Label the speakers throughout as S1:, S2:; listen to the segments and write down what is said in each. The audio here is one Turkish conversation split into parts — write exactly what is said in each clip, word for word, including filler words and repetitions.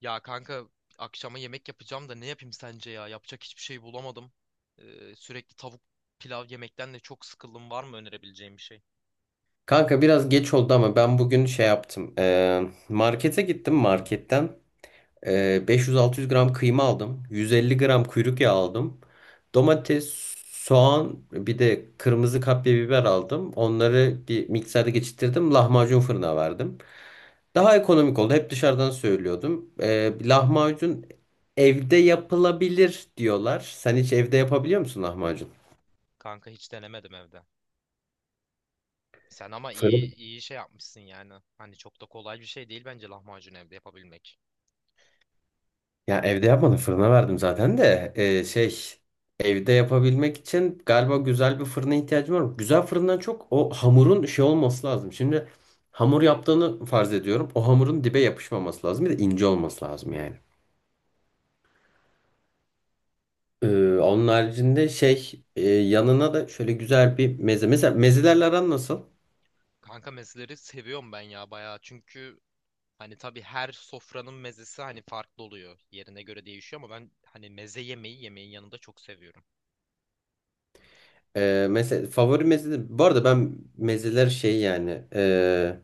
S1: Ya kanka, akşama yemek yapacağım da ne yapayım sence ya? Yapacak hiçbir şey bulamadım. Ee, sürekli tavuk pilav yemekten de çok sıkıldım. Var mı önerebileceğim bir şey?
S2: Kanka biraz geç oldu ama ben bugün şey yaptım. Ee, markete gittim marketten. Ee, beş yüz altı yüz gram kıyma aldım. yüz elli gram kuyruk yağı aldım. Domates, soğan bir de kırmızı kapya biber aldım. Onları bir mikserde geçirttirdim. Lahmacun fırına verdim. Daha ekonomik oldu. Hep dışarıdan söylüyordum. Ee, lahmacun evde yapılabilir diyorlar. Sen hiç evde yapabiliyor musun lahmacun?
S1: Kanka hiç denemedim evde. Sen ama iyi
S2: Fırın.
S1: iyi şey yapmışsın yani. Hani çok da kolay bir şey değil bence lahmacun evde yapabilmek.
S2: Ya evde yapmadım fırına verdim zaten de Ee, şey evde yapabilmek için galiba güzel bir fırına ihtiyacım var. Güzel fırından çok o hamurun şey olması lazım. Şimdi hamur yaptığını farz ediyorum. O hamurun dibe yapışmaması lazım. Bir de ince olması lazım yani. Ee, onun haricinde şey e, yanına da şöyle güzel bir meze. Mesela mezelerle aran nasıl?
S1: Kanka mezeleri seviyorum ben ya bayağı. Çünkü hani tabii her sofranın mezesi hani farklı oluyor. Yerine göre değişiyor ama ben hani meze yemeği yemeğin yanında çok seviyorum.
S2: Ee, mesela favori meze. Bu arada ben mezeler şey yani e,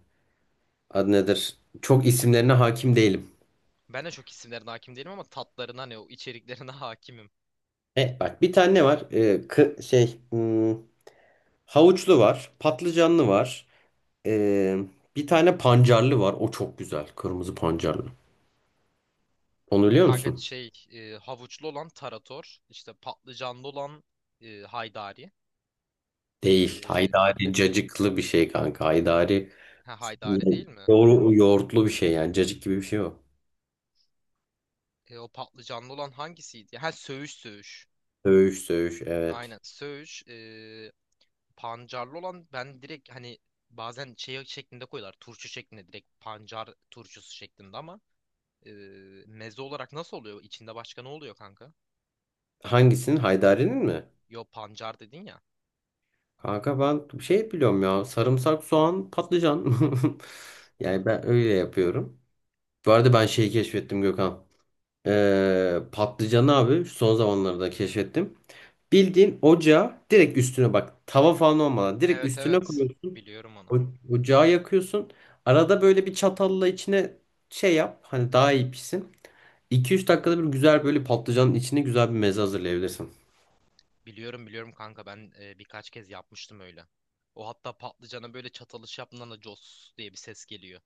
S2: adı nedir? Çok isimlerine hakim değilim.
S1: Ben de çok isimlerine hakim değilim ama tatlarına hani o içeriklerine hakimim.
S2: E, bak bir tane ne var? E, kı- şey hmm, havuçlu var, patlıcanlı var. E, bir tane pancarlı var. O çok güzel. Kırmızı pancarlı. Onu biliyor
S1: Kanka
S2: musun?
S1: şey e, havuçlu olan tarator, işte patlıcanlı olan e, haydari.
S2: Değil.
S1: E,
S2: Haydari cacıklı bir şey kanka. Haydari
S1: ha, haydari değil mi?
S2: yoğur- yoğurtlu bir şey yani. Cacık gibi bir şey o.
S1: E, o patlıcanlı olan hangisiydi? Ha, söğüş söğüş.
S2: Söğüş, söğüş,
S1: Aynen
S2: evet.
S1: söğüş. E, pancarlı olan ben direkt hani bazen şey şeklinde koyuyorlar. Turşu şeklinde, direkt pancar turşusu şeklinde ama e, meze olarak nasıl oluyor? İçinde başka ne oluyor kanka?
S2: Hangisinin? Haydari'nin mi?
S1: Yo, pancar dedin ya.
S2: Kanka ben bir şey biliyorum ya. Sarımsak, soğan, patlıcan. Yani ben öyle yapıyorum. Bu arada ben şeyi keşfettim Gökhan. Ee, patlıcanı abi şu son zamanlarda keşfettim. Bildiğin ocağa direkt üstüne bak tava falan olmadan direkt
S1: Evet,
S2: üstüne
S1: evet,
S2: koyuyorsun.
S1: biliyorum onu.
S2: O, ocağı yakıyorsun. Arada böyle bir çatalla içine şey yap hani daha iyi pişsin. iki üç dakikada bir güzel böyle patlıcanın içine güzel bir meze hazırlayabilirsin.
S1: Biliyorum, biliyorum kanka, ben e, birkaç kez yapmıştım öyle. O hatta patlıcana böyle çatalış yaptığında da cos diye bir ses geliyor.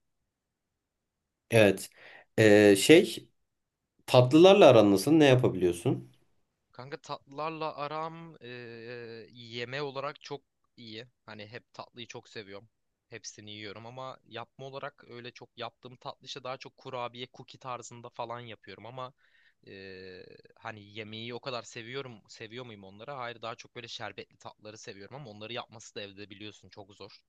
S2: Evet. Ee, şey tatlılarla aran nasıl? Ne yapabiliyorsun?
S1: Kanka tatlılarla aram e, e, yeme olarak çok iyi. Hani hep tatlıyı çok seviyorum. Hepsini yiyorum ama yapma olarak öyle çok yaptığım tatlı işte daha çok kurabiye, cookie tarzında falan yapıyorum ama e, hani yemeği o kadar seviyorum. Seviyor muyum onları? Hayır, daha çok böyle şerbetli tatlıları seviyorum ama onları yapması da evde biliyorsun çok zor.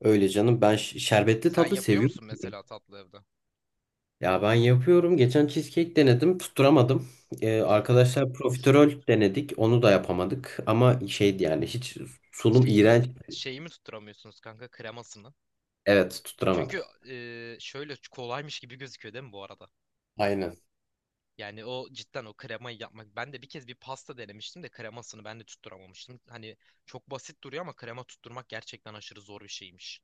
S2: Öyle canım ben ş- şerbetli
S1: Sen
S2: tatlı
S1: yapıyor
S2: seviyorum.
S1: musun mesela tatlı evde?
S2: Ya ben yapıyorum. Geçen cheesecake denedim. Tutturamadım. Ee, arkadaşlar profiterol denedik. Onu da yapamadık. Ama şeydi yani hiç sunum
S1: Şeyi mi,
S2: iğrenç.
S1: şeyi mi tutturamıyorsunuz kanka, kremasını?
S2: Evet,
S1: Çünkü
S2: tutturamadık.
S1: e, şöyle kolaymış gibi gözüküyor değil mi bu arada?
S2: Aynen.
S1: Yani o cidden o kremayı yapmak. Ben de bir kez bir pasta denemiştim de kremasını ben de tutturamamıştım. Hani çok basit duruyor ama krema tutturmak gerçekten aşırı zor bir şeymiş.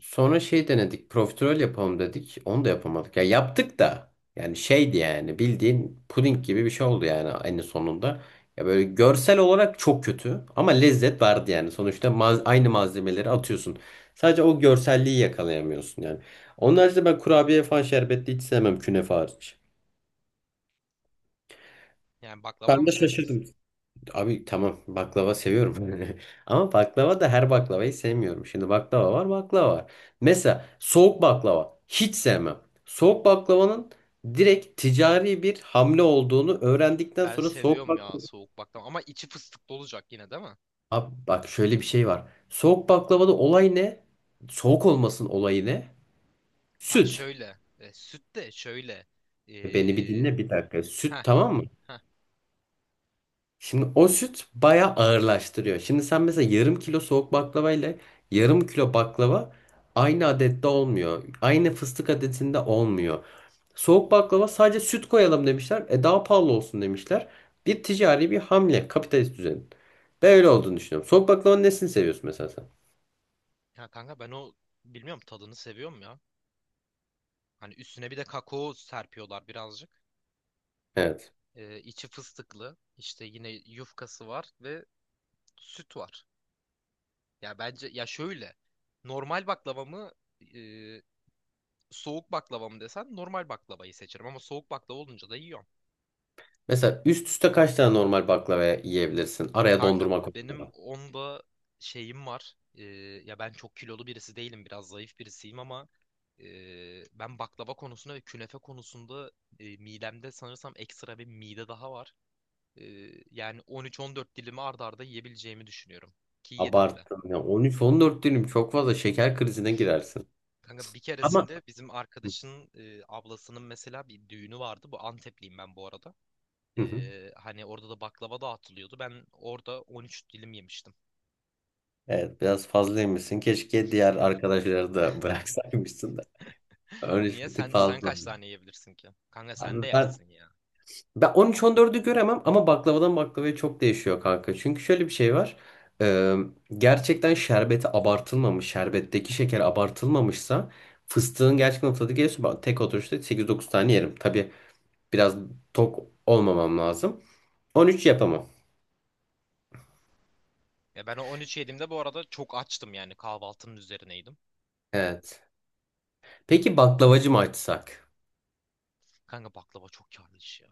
S2: Sonra şey denedik. Profiterol yapalım dedik. Onu da yapamadık. Ya yaptık da. Yani şeydi yani bildiğin puding gibi bir şey oldu yani en sonunda. Ya böyle görsel olarak çok kötü ama lezzet vardı yani. Sonuçta maz- aynı malzemeleri atıyorsun. Sadece o görselliği yakalayamıyorsun yani. Onun haricinde ben kurabiye falan şerbetli hiç sevmem, künefe hariç.
S1: Yani baklava da
S2: Ben
S1: mı
S2: de
S1: sevmiyorsun?
S2: şaşırdım. Abi tamam, baklava seviyorum. Ama baklava da her baklavayı sevmiyorum. Şimdi baklava var, baklava var. Mesela soğuk baklava hiç sevmem. Soğuk baklavanın direkt ticari bir hamle olduğunu öğrendikten
S1: Ben
S2: sonra soğuk
S1: seviyorum ya
S2: baklava...
S1: soğuk baklava, ama içi fıstıklı olacak yine değil mi?
S2: Abi bak, şöyle bir şey var. Soğuk baklavada olay ne? Soğuk olmasın olayı ne?
S1: Bak
S2: Süt.
S1: şöyle, e, süt de şöyle. E,
S2: E Beni bir dinle bir dakika. Süt,
S1: heh,
S2: tamam mı?
S1: heh.
S2: Şimdi o süt bayağı ağırlaştırıyor. Şimdi sen mesela yarım kilo soğuk baklava ile yarım kilo baklava aynı adette olmuyor. Aynı fıstık adetinde olmuyor. Soğuk baklava sadece süt koyalım demişler. E daha pahalı olsun demişler. Bir ticari bir hamle kapitalist düzenin. Ben öyle olduğunu düşünüyorum. Soğuk baklavanın nesini seviyorsun mesela sen?
S1: Ya kanka, ben o bilmiyorum, tadını seviyorum ya. Hani üstüne bir de kakao serpiyorlar birazcık.
S2: Evet.
S1: Ee, içi fıstıklı. İşte yine yufkası var ve süt var. Ya bence ya şöyle, normal baklava mı e, soğuk baklava mı desen, normal baklavayı seçerim ama soğuk baklava olunca da yiyorum.
S2: Mesela üst üste kaç tane normal baklava yiyebilirsin? Araya
S1: Kanka
S2: dondurma
S1: benim
S2: koymadan.
S1: onda şeyim var. Ee, ya ben çok kilolu birisi değilim, biraz zayıf birisiyim ama e, ben baklava konusunda ve künefe konusunda e, midemde sanırsam ekstra bir mide daha var. Ee, Yani on üç on dört dilimi arda arda yiyebileceğimi düşünüyorum. Ki yedim de.
S2: Abarttın ya. on üç on dört dilim çok fazla, şeker krizine girersin.
S1: Kanka bir
S2: Ama.
S1: keresinde bizim arkadaşın e, ablasının mesela bir düğünü vardı. Bu, Antepliyim ben bu arada.
S2: Hı hı.
S1: Ee, hani orada da baklava dağıtılıyordu. Ben orada on üç dilim yemiştim.
S2: Evet, biraz fazlaymışsın. Keşke diğer arkadaşları da bıraksaymışsın da. Örneğin
S1: Niye?
S2: bir tık
S1: Sen sen
S2: fazla.
S1: kaç tane yiyebilirsin ki? Kanka
S2: Abi
S1: sen de
S2: ben
S1: yersin ya.
S2: ben on üç on dördü göremem ama baklavadan baklavaya çok değişiyor kanka. Çünkü şöyle bir şey var. Ee, gerçekten şerbeti abartılmamış, şerbetteki şeker abartılmamışsa, fıstığın gerçekten tadı geliyorsa ben tek oturuşta sekiz dokuz tane yerim. Tabii biraz tok olmamam lazım. on üç yapamam.
S1: Ya ben o on üç yediğimde bu arada çok açtım, yani kahvaltının üzerineydim.
S2: Evet. Peki baklavacı mı açsak?
S1: Kanka baklava çok karlı iş ya.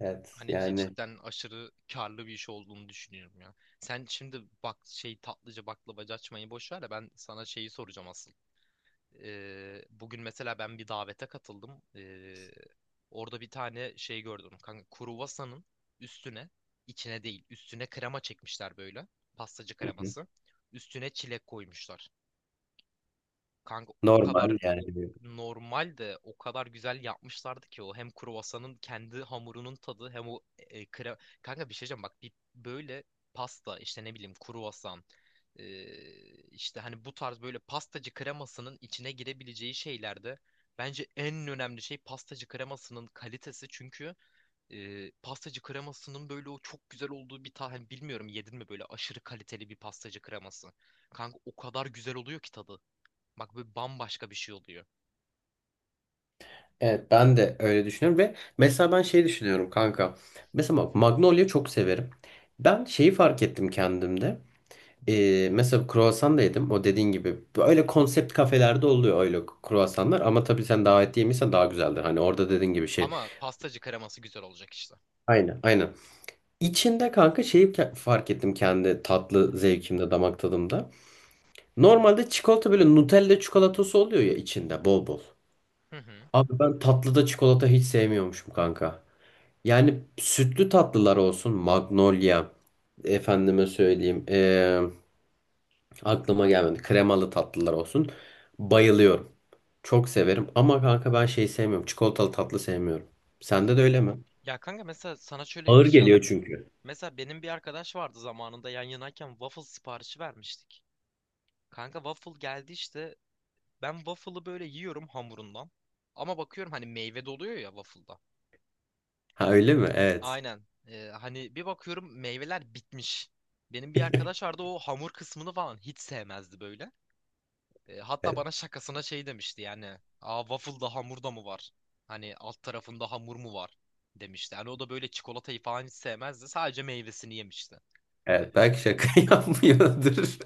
S2: Evet
S1: Hani c-
S2: yani.
S1: cidden aşırı karlı bir iş olduğunu düşünüyorum ya. Sen şimdi bak, şey tatlıcı baklavacı açmayı boş ver de ben sana şeyi soracağım asıl. Ee, bugün mesela ben bir davete katıldım. Ee, orada bir tane şey gördüm. Kanka kruvasanın üstüne, içine değil üstüne krema çekmişler böyle. Pastacı
S2: Hı hı.
S1: kreması. Üstüne çilek koymuşlar. Kanka o kadar
S2: Normal yani.
S1: o normal de o kadar güzel yapmışlardı ki o, hem kruvasanın kendi hamurunun tadı hem o e, kre- kanka bir şey diyeceğim, bak bir böyle pasta, işte ne bileyim, kruvasan, e, işte hani bu tarz böyle pastacı kremasının içine girebileceği şeylerde bence en önemli şey pastacı kremasının kalitesi, çünkü e, pastacı kremasının böyle o çok güzel olduğu bir tane bilmiyorum yedin mi, böyle aşırı kaliteli bir pastacı kreması, kanka o kadar güzel oluyor ki tadı. Bak bu bambaşka bir şey oluyor.
S2: Evet, ben de öyle düşünüyorum ve mesela ben şey düşünüyorum kanka. Mesela bak, Magnolia çok severim. Ben şeyi fark ettim kendimde. Ee, mesela kruvasan da yedim. O dediğin gibi öyle konsept kafelerde oluyor öyle kruvasanlar ama tabii sen davet yemişsen daha güzeldir. Hani orada dediğin gibi şey.
S1: Ama pastacı kreması güzel olacak işte.
S2: Aynen, aynen. İçinde kanka şeyi ke- fark ettim kendi tatlı zevkimde, damak tadımda. Normalde çikolata böyle Nutella çikolatası oluyor ya içinde bol bol.
S1: Hı hı.
S2: Abi ben tatlıda çikolata hiç sevmiyormuşum kanka. Yani sütlü tatlılar olsun. Magnolia. Efendime söyleyeyim. eee, aklıma gelmedi. Kremalı tatlılar olsun. Bayılıyorum. Çok severim. Ama kanka ben şey sevmiyorum. Çikolatalı tatlı sevmiyorum. Sende de öyle mi?
S1: Ya kanka, mesela sana şöyle bir
S2: Ağır
S1: şey
S2: geliyor
S1: anlatayım.
S2: çünkü.
S1: Mesela benim bir arkadaş vardı, zamanında yan yanayken waffle siparişi vermiştik. Kanka waffle geldi işte. Ben waffle'ı böyle yiyorum hamurundan. Ama bakıyorum hani meyve doluyor ya waffle'da.
S2: Ha, öyle mi? Evet.
S1: Aynen. Ee, hani bir bakıyorum meyveler bitmiş. Benim bir arkadaş vardı, o hamur kısmını falan hiç sevmezdi böyle. E, hatta
S2: Evet.
S1: bana şakasına şey demişti yani. Aa, waffle'da hamur da mı var? Hani alt tarafında hamur mu var? Demişti. Yani o da böyle çikolatayı falan hiç sevmezdi. Sadece meyvesini yemişti. E,
S2: Evet. Belki şaka yapmıyordur.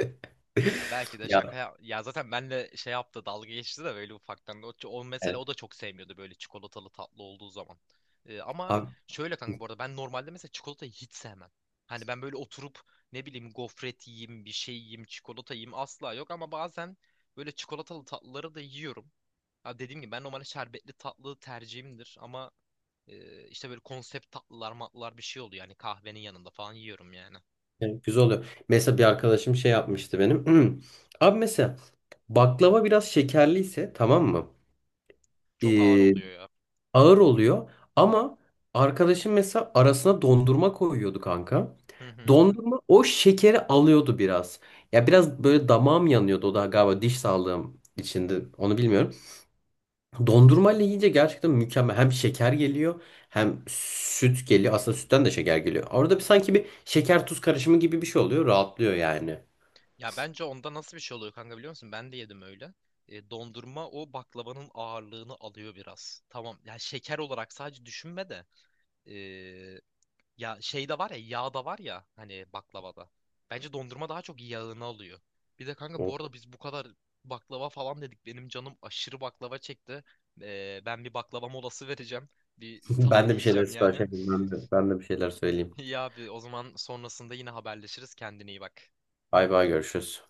S1: Ya belki de
S2: Ya,
S1: şaka ya, ya zaten benle şey yaptı, dalga geçti de böyle ufaktan. O, o mesela
S2: evet.
S1: o da çok sevmiyordu böyle çikolatalı tatlı olduğu zaman. E, ama
S2: Abi,
S1: şöyle kanka, bu arada ben normalde mesela çikolatayı hiç sevmem. Hani ben böyle oturup ne bileyim gofret yiyeyim, bir şey yiyeyim, çikolata yiyeyim asla yok, ama bazen böyle çikolatalı tatlıları da yiyorum. Abi dediğim gibi ben normalde şerbetli tatlı tercihimdir ama e, işte böyle konsept tatlılar matlılar bir şey oluyor. Yani kahvenin yanında falan yiyorum yani.
S2: evet, güzel oluyor. Mesela bir arkadaşım şey yapmıştı benim. Abi mesela baklava biraz şekerliyse, tamam mı?
S1: Çok ağır
S2: Ee,
S1: oluyor ya.
S2: ağır oluyor. Ama arkadaşım mesela arasına dondurma koyuyordu kanka.
S1: Hı hı.
S2: Dondurma o şekeri alıyordu biraz. Ya biraz böyle damağım yanıyordu, o da galiba diş sağlığım içinde, onu bilmiyorum. Dondurmayla yiyince gerçekten mükemmel. Hem şeker geliyor hem süt geliyor. Aslında sütten de şeker geliyor. Orada bir sanki bir şeker tuz karışımı gibi bir şey oluyor. Rahatlıyor yani.
S1: Ya bence onda nasıl bir şey oluyor kanka biliyor musun? Ben de yedim öyle. E, dondurma o baklavanın ağırlığını alıyor biraz. Tamam. Ya şeker olarak sadece düşünme de. Ya şeyde var, ya yağda var ya, hani baklavada. Bence dondurma daha çok yağını alıyor. Bir de kanka
S2: O-
S1: bu arada biz bu kadar baklava falan dedik. Benim canım aşırı baklava çekti. Ee, ben bir baklava molası vereceğim. Bir
S2: Ben
S1: tatlı
S2: de bir şeyler
S1: yiyeceğim
S2: sipariş
S1: yani.
S2: edeyim. Ben de, ben de bir şeyler söyleyeyim.
S1: İyi abi, o zaman sonrasında yine haberleşiriz. Kendine iyi bak.
S2: Bay bay, görüşürüz.